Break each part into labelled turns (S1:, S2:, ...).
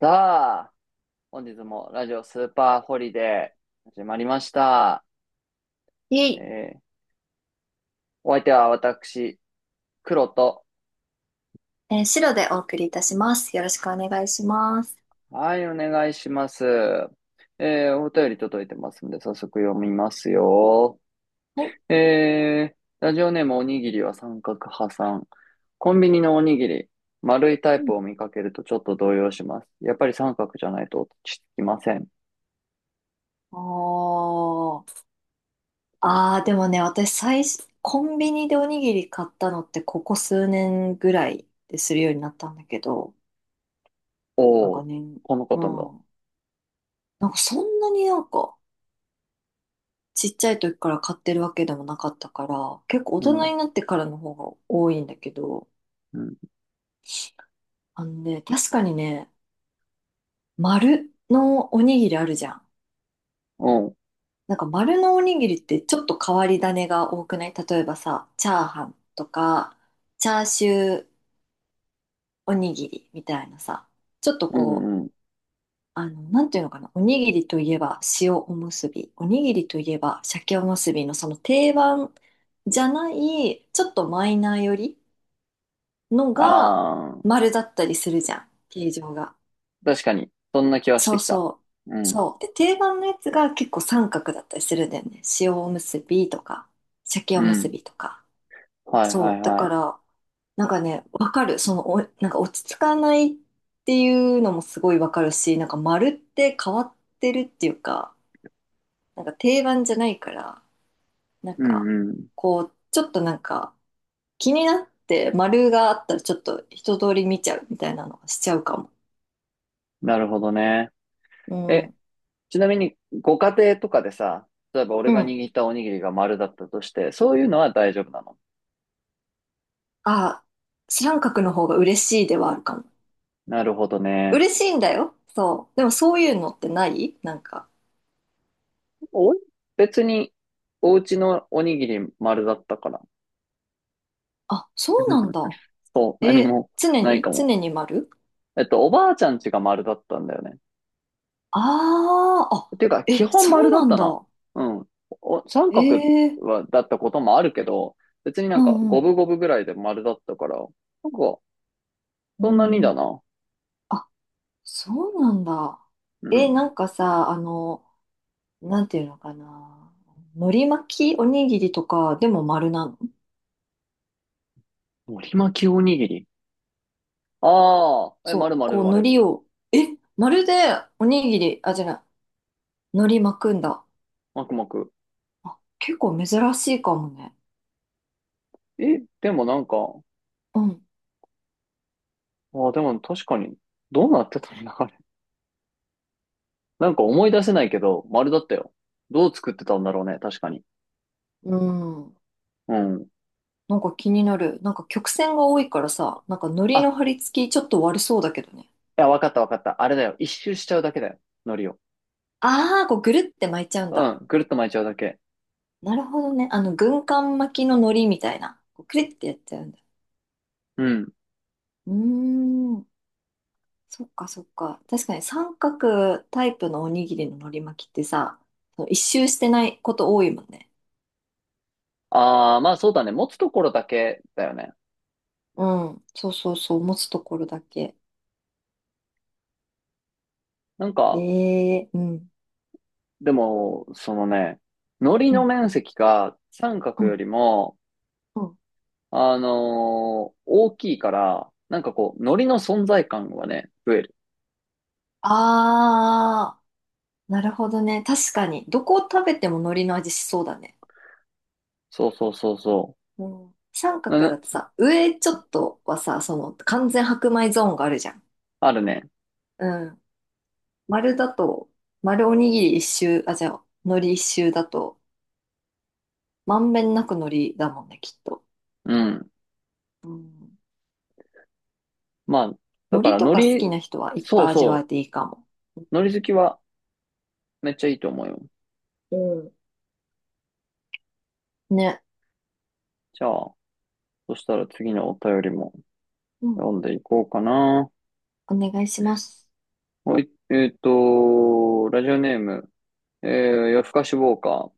S1: さあ、本日もラジオスーパーホリデー始まりました。
S2: いえ
S1: え
S2: い、
S1: ーお相手は私、黒と。
S2: 白でお送りいたします。よろしくお願いします。
S1: はい、お願いします。お便り届いてますので、早速読みますよ。
S2: はい。
S1: えーラジオネームおにぎりは三角派さん。コンビニのおにぎり、丸いタイ
S2: うん。
S1: プを見かけるとちょっと動揺します。やっぱり三角じゃないと落ち着きません。
S2: おー。ああ、でもね、私最初、コンビニでおにぎり買ったのってここ数年ぐらいでするようになったんだけど、なん
S1: お
S2: か
S1: ー、
S2: ね、
S1: このこ
S2: う
S1: となんだ。
S2: ん。なんかそんなになんかちっちゃい時から買ってるわけでもなかったから、結構大
S1: う
S2: 人
S1: ん、
S2: になってからの方が多いんだけど、
S1: うん、
S2: あのね、確かにね、丸のおにぎりあるじゃん。
S1: おうん、
S2: なんか丸のおにぎりってちょっと変わり種が多くない？例えばさ、チャーハンとか、チャーシューおにぎりみたいなさ、ちょっと
S1: う
S2: こ
S1: ん、
S2: う、
S1: うん。
S2: なんていうのかな、おにぎりといえば塩おむすび、おにぎりといえば鮭おむすびのその定番じゃない、ちょっとマイナーよりのが
S1: あ
S2: 丸だったりするじゃん、形状が。
S1: 確かに。そんな気はし
S2: そ
S1: て
S2: う
S1: きた。
S2: そ
S1: う
S2: う。
S1: ん。
S2: そう。で、定番のやつが結構三角だったりするんだよね。塩おむすびとか、鮭
S1: う
S2: おむす
S1: ん。
S2: びとか。
S1: はいは
S2: そ
S1: い
S2: う。だ
S1: は
S2: か
S1: い。
S2: ら、なんかね、わかる。その、お、なんか落ち着かないっていうのもすごいわかるし、なんか丸って変わってるっていうか、なんか定番じゃないから、なん
S1: う
S2: か、
S1: んうん。
S2: こう、ちょっとなんか気になって丸があったらちょっと一通り見ちゃうみたいなのはしちゃうかも。
S1: なるほどね。
S2: う
S1: え、
S2: ん。
S1: ちなみに、ご家庭とかでさ、例えば俺
S2: う
S1: が
S2: ん。
S1: 握ったおにぎりが丸だったとして、そういうのは大丈夫なの？
S2: あ、知らん角の方が嬉しいではあるかも。
S1: なるほどね。
S2: 嬉しいんだよ。そう。でもそういうのってないなんか、
S1: お、別に、お家のおにぎり丸だったから。
S2: あ、そうなんだ。
S1: そう、何
S2: え、
S1: も
S2: 常
S1: ない
S2: に
S1: かも。
S2: 常に丸？
S1: えっと、おばあちゃん家が丸だったんだよね。
S2: ああ、あ、
S1: ていうか、基
S2: え、
S1: 本
S2: そ
S1: 丸
S2: う
S1: だ
S2: な
S1: っ
S2: ん
S1: た
S2: だ。
S1: な。うん。お三角
S2: ええ、
S1: は、だったこともあるけど、別にな
S2: う
S1: んか
S2: んう
S1: 五
S2: ん、
S1: 分五分ぐらいで丸だったから、なんか、
S2: うん
S1: そんなに
S2: う
S1: だ
S2: ん。
S1: な。
S2: あ、そうなんだ。
S1: う
S2: え、
S1: ん。
S2: なんかさ、なんていうのかな。海苔巻きおにぎりとかでも丸なの？
S1: 海苔巻きおにぎり。ああ、え、
S2: そう、
S1: 丸丸
S2: こう海
S1: 丸。
S2: 苔を、え、丸でおにぎり、あ、じゃない、海苔巻くんだ。
S1: まくまく。
S2: あ、結構珍しいかもね。
S1: え、でもなんか、
S2: うん。
S1: ああ、でも確かに、どうなってたんだ、あれ。なんか思い出せないけど、丸だったよ。どう作ってたんだろうね、確かに。
S2: うん。
S1: うん。
S2: なんか気になる。なんか曲線が多いからさ、なんか海苔の貼
S1: あ、
S2: り付きちょっと悪そうだけどね。
S1: いや、わかったわかった。あれだよ。一周しちゃうだけだよ。海苔を。
S2: ああ、こうぐるって巻いちゃうん
S1: う
S2: だ。
S1: ん。ぐるっと巻いちゃうだけ。
S2: なるほどね。軍艦巻きの海苔みたいな。こうくるってやっちゃうんだ。
S1: うん。
S2: うーん。そっかそっか。確かに三角タイプのおにぎりの海苔巻きってさ、その一周してないこと多いもんね。
S1: ああ、まあそうだね。持つところだけだよね。
S2: うん。そうそうそう。持つところだけ。
S1: なん
S2: え
S1: か、
S2: え、うん。
S1: でも、そのね、糊
S2: う
S1: の
S2: ん。
S1: 面積が三
S2: う
S1: 角よ
S2: ん。
S1: りも、
S2: うん。
S1: 大きいから、なんかこう、糊の存在感はね、増える。
S2: ああ、なるほどね。確かに。どこを食べても海苔の味しそうだね。
S1: そうそうそうそ
S2: うん、三
S1: う。
S2: 角
S1: な
S2: だとさ、上ちょっとはさ、その完全白米ゾーンがあるじゃん。
S1: あるね。
S2: うん。丸だと、丸おにぎり一周、あ、じゃあ、海苔一周だと、まんべんなく海苔だもんね、きっと。
S1: うん。
S2: うん。
S1: まあ、だか
S2: 海苔
S1: ら
S2: とか好き
S1: 糊、
S2: な人はいっ
S1: そ
S2: ぱ
S1: う
S2: い味わえ
S1: そ
S2: ていいかも。
S1: う。糊好きはめっちゃいいと思うよ。
S2: うん。ね。
S1: じゃあ、そしたら次のお便りも
S2: うん。
S1: 読んでいこうかな。
S2: お願いします。
S1: はい、えっと、ラジオネーム、えー、夜更かしウォーカー。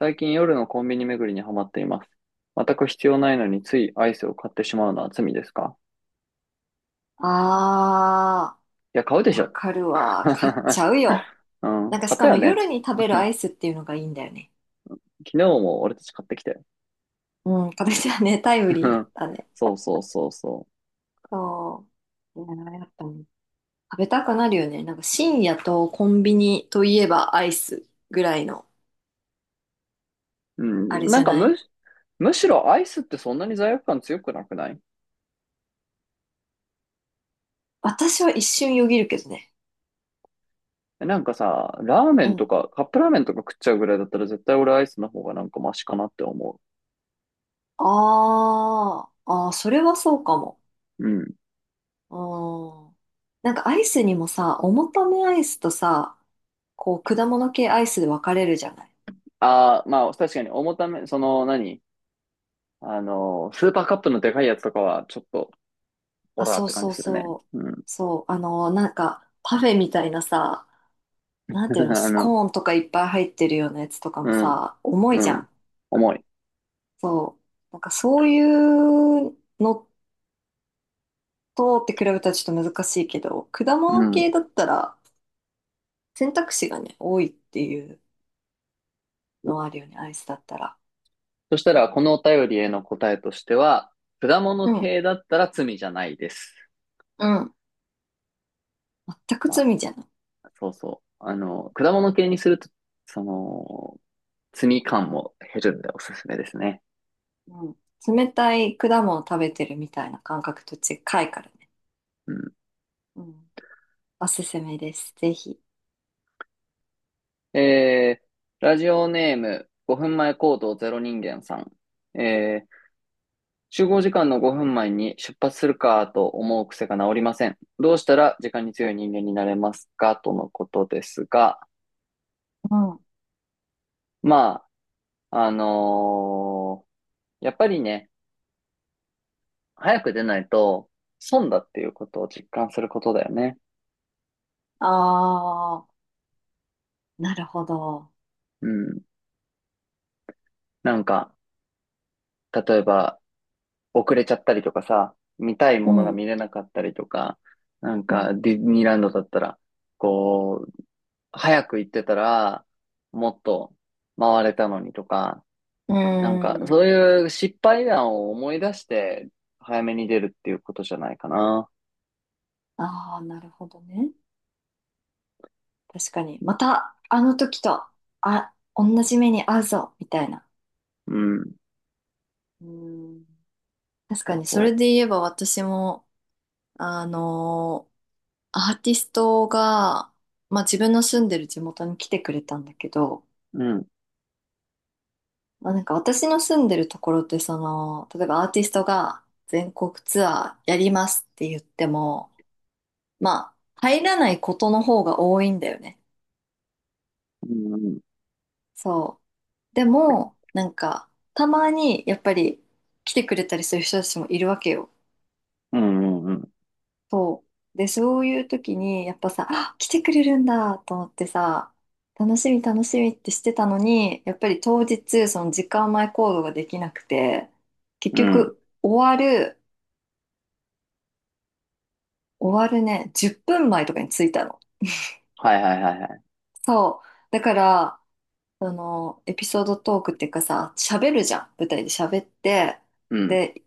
S1: 最近夜のコンビニ巡りにハマっています。全く必要ないのについアイスを買ってしまうのは罪ですか？
S2: あ
S1: いや、買うで
S2: ー、
S1: し
S2: わ
S1: ょ。
S2: かるわ。買っち ゃうよ。
S1: うん、
S2: なんかし
S1: 買った
S2: か
S1: よ
S2: も
S1: ね。
S2: 夜に食べるアイスっていうのがいいんだよね。
S1: 昨日も俺たち買ってきたよ。
S2: うん、これじゃね、タイムリー だね。
S1: そうそうそうそ
S2: そう。いや、やっぱね食べたくなるよね。なんか深夜とコンビニといえばアイスぐらいの、
S1: う。
S2: あ
S1: う
S2: れ
S1: ん、
S2: じゃない？
S1: むしろアイスってそんなに罪悪感強くなくない？
S2: 私は一瞬よぎるけどね。
S1: なんかさ、ラーメ
S2: う
S1: ンと
S2: ん。
S1: か、カップラーメンとか食っちゃうぐらいだったら絶対俺アイスの方がなんかマシかなって思
S2: あーあー、それはそうかも。
S1: う。うん。
S2: うん。なんかアイスにもさ、重ためアイスとさ、こう果物系アイスで分かれるじゃない。
S1: ああ、まあ確かに重ため、その何？あの、スーパーカップのでかいやつとかは、ちょっと、オ
S2: あ、
S1: ラーっ
S2: そう
S1: て感
S2: そ
S1: じ
S2: う
S1: するね。
S2: そう。
S1: うん。
S2: そう、なんかパフェみたいなさ、なんていう の、
S1: あ
S2: ス
S1: の、
S2: コーンとかいっぱい入ってるようなやつとか
S1: う
S2: も
S1: ん、
S2: さ、重い
S1: う
S2: じゃ
S1: ん。
S2: ん。
S1: 重い。
S2: そう。なんかそういうのとって比べたらちょっと難しいけど、果
S1: う
S2: 物
S1: ん。
S2: 系だったら選択肢がね、多いっていうのはあるよね、アイスだったら。
S1: そしたら、このお便りへの答えとしては、果物
S2: うん、
S1: 系だったら罪じゃないです。
S2: うん、全く
S1: ま
S2: 罪じゃない。
S1: あ、そうそう。あの、果物系にすると、その、罪感も減るんでおすすめですね。
S2: うん、冷たい果物を食べてるみたいな感覚と近いからね。
S1: うん。
S2: うん。おすすめです。ぜひ。
S1: えー、ラジオネーム、5分前行動ゼロ人間さん。えー集合時間の5分前に出発するかと思う癖が治りません。どうしたら時間に強い人間になれますかとのことですが、
S2: うん、
S1: まあ、やっぱりね、早く出ないと損だっていうことを実感することだよね。
S2: ああ、なるほど。
S1: うん。なんか、例えば遅れちゃったりとかさ、見たい
S2: う
S1: ものが
S2: ん、
S1: 見れなかったりとか、なん
S2: う
S1: か
S2: ん、
S1: ディズニーランドだったら、こう、早く行ってたら、もっと回れたのにとか、
S2: う
S1: なんか、
S2: ん、う
S1: そう
S2: ん。
S1: いう失敗談を思い出して、早めに出るっていうことじゃないかな。
S2: ああ、なるほどね。確かに。また、あの時と、あ、同じ目に遭うぞ、みたいな。
S1: うん。
S2: うん。確
S1: そ
S2: か
S1: う
S2: に、それ
S1: そ
S2: で言えば私も、あのアーティストが、まあ自分の住んでる地元に来てくれたんだけど、
S1: う。うん。
S2: まあなんか私の住んでるところって、その、例えばアーティストが全国ツアーやりますって言っても、まあ、入らないことの方が多いんだよね。
S1: うん。
S2: そう。でも、なんか、たまにやっぱり来てくれたりする人たちもいるわけよ。
S1: うん。うん。うん。
S2: そう。で、そういう時に、やっぱさ、あ、来てくれるんだと思ってさ、楽しみ楽しみってしてたのに、やっぱり当日、その時間前行動ができなくて、結
S1: うん
S2: 局、終わるね、10分前とかに着いたの。
S1: はいはいはいはい。
S2: そう。だから、その、エピソードトークっていうかさ、喋るじゃん。舞台で喋って、
S1: うん。
S2: で、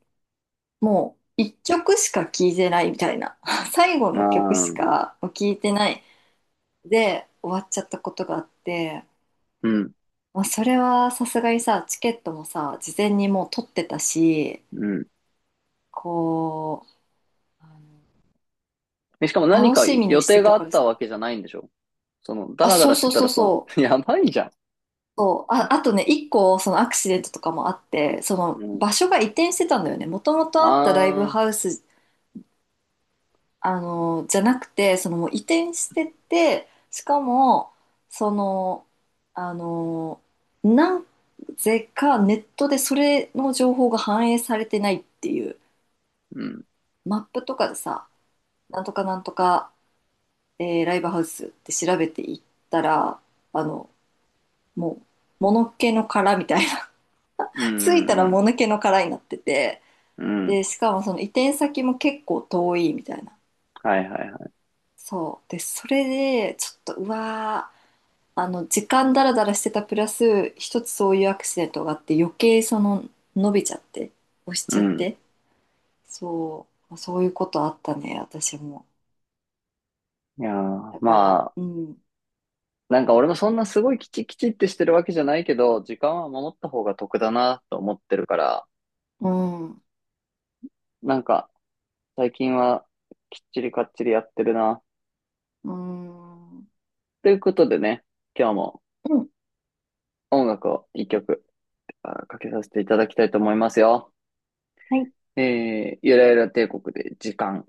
S2: もう一曲しか聴いてないみたいな 最後
S1: あ
S2: の曲し
S1: ー
S2: か聴いてないで終わっちゃったことがあって、
S1: うん。
S2: まあ、それはさすがにさチケットもさ事前にもう取ってたし、
S1: うん。
S2: こう、
S1: でしかも何
S2: 楽
S1: か
S2: しみに
S1: 予
S2: して
S1: 定が
S2: た
S1: あ
S2: か
S1: っ
S2: ら
S1: た
S2: さ、
S1: わけじゃないんでしょ？その、ダ
S2: あ、
S1: ラダ
S2: そう
S1: ラし
S2: そ
S1: て
S2: う
S1: た
S2: そ
S1: ら
S2: う
S1: そ
S2: そう
S1: の、やばいじゃん。
S2: そう、あ、あとね一個そのアクシデントとかもあって、その
S1: うん。
S2: 場所が移転してたんだよね、もともとあったライブ
S1: ああ、
S2: ハウス、じゃなくて、そのもう移転してって、しかも、その、あの、なぜかネットでそれの情報が反映されてないっていう、
S1: うん。
S2: マップとかでさ、なんとかなんとか、ライブハウスって調べていったら、あの、もう、もぬけの殻みたいな、
S1: うん。う
S2: 着いたら
S1: ん。
S2: もぬけの殻になってて、
S1: うん。うん
S2: で、しかもその移転先も結構遠いみたいな。
S1: はいはいはい。
S2: そう。で、それで、ちょっと、うわー、時間だらだらしてたプラス、一つそういうアクシデントがあって、余計その、伸びちゃって、押し
S1: う
S2: ちゃっ
S1: ん。
S2: て、そう、そういうことあったね、私も。
S1: いやー、
S2: だから、
S1: ま
S2: うん、
S1: なんか俺もそんなすごいきちきちってしてるわけじゃないけど、時間は守った方が得だなと思ってるから、
S2: うん、
S1: なんか最近はきっちりかっちりやってるな。
S2: うん、うん、
S1: ということでね、今日も音楽を一曲あかけさせていただきたいと思いますよ。
S2: はい。
S1: えー、ゆらゆら帝国で時間。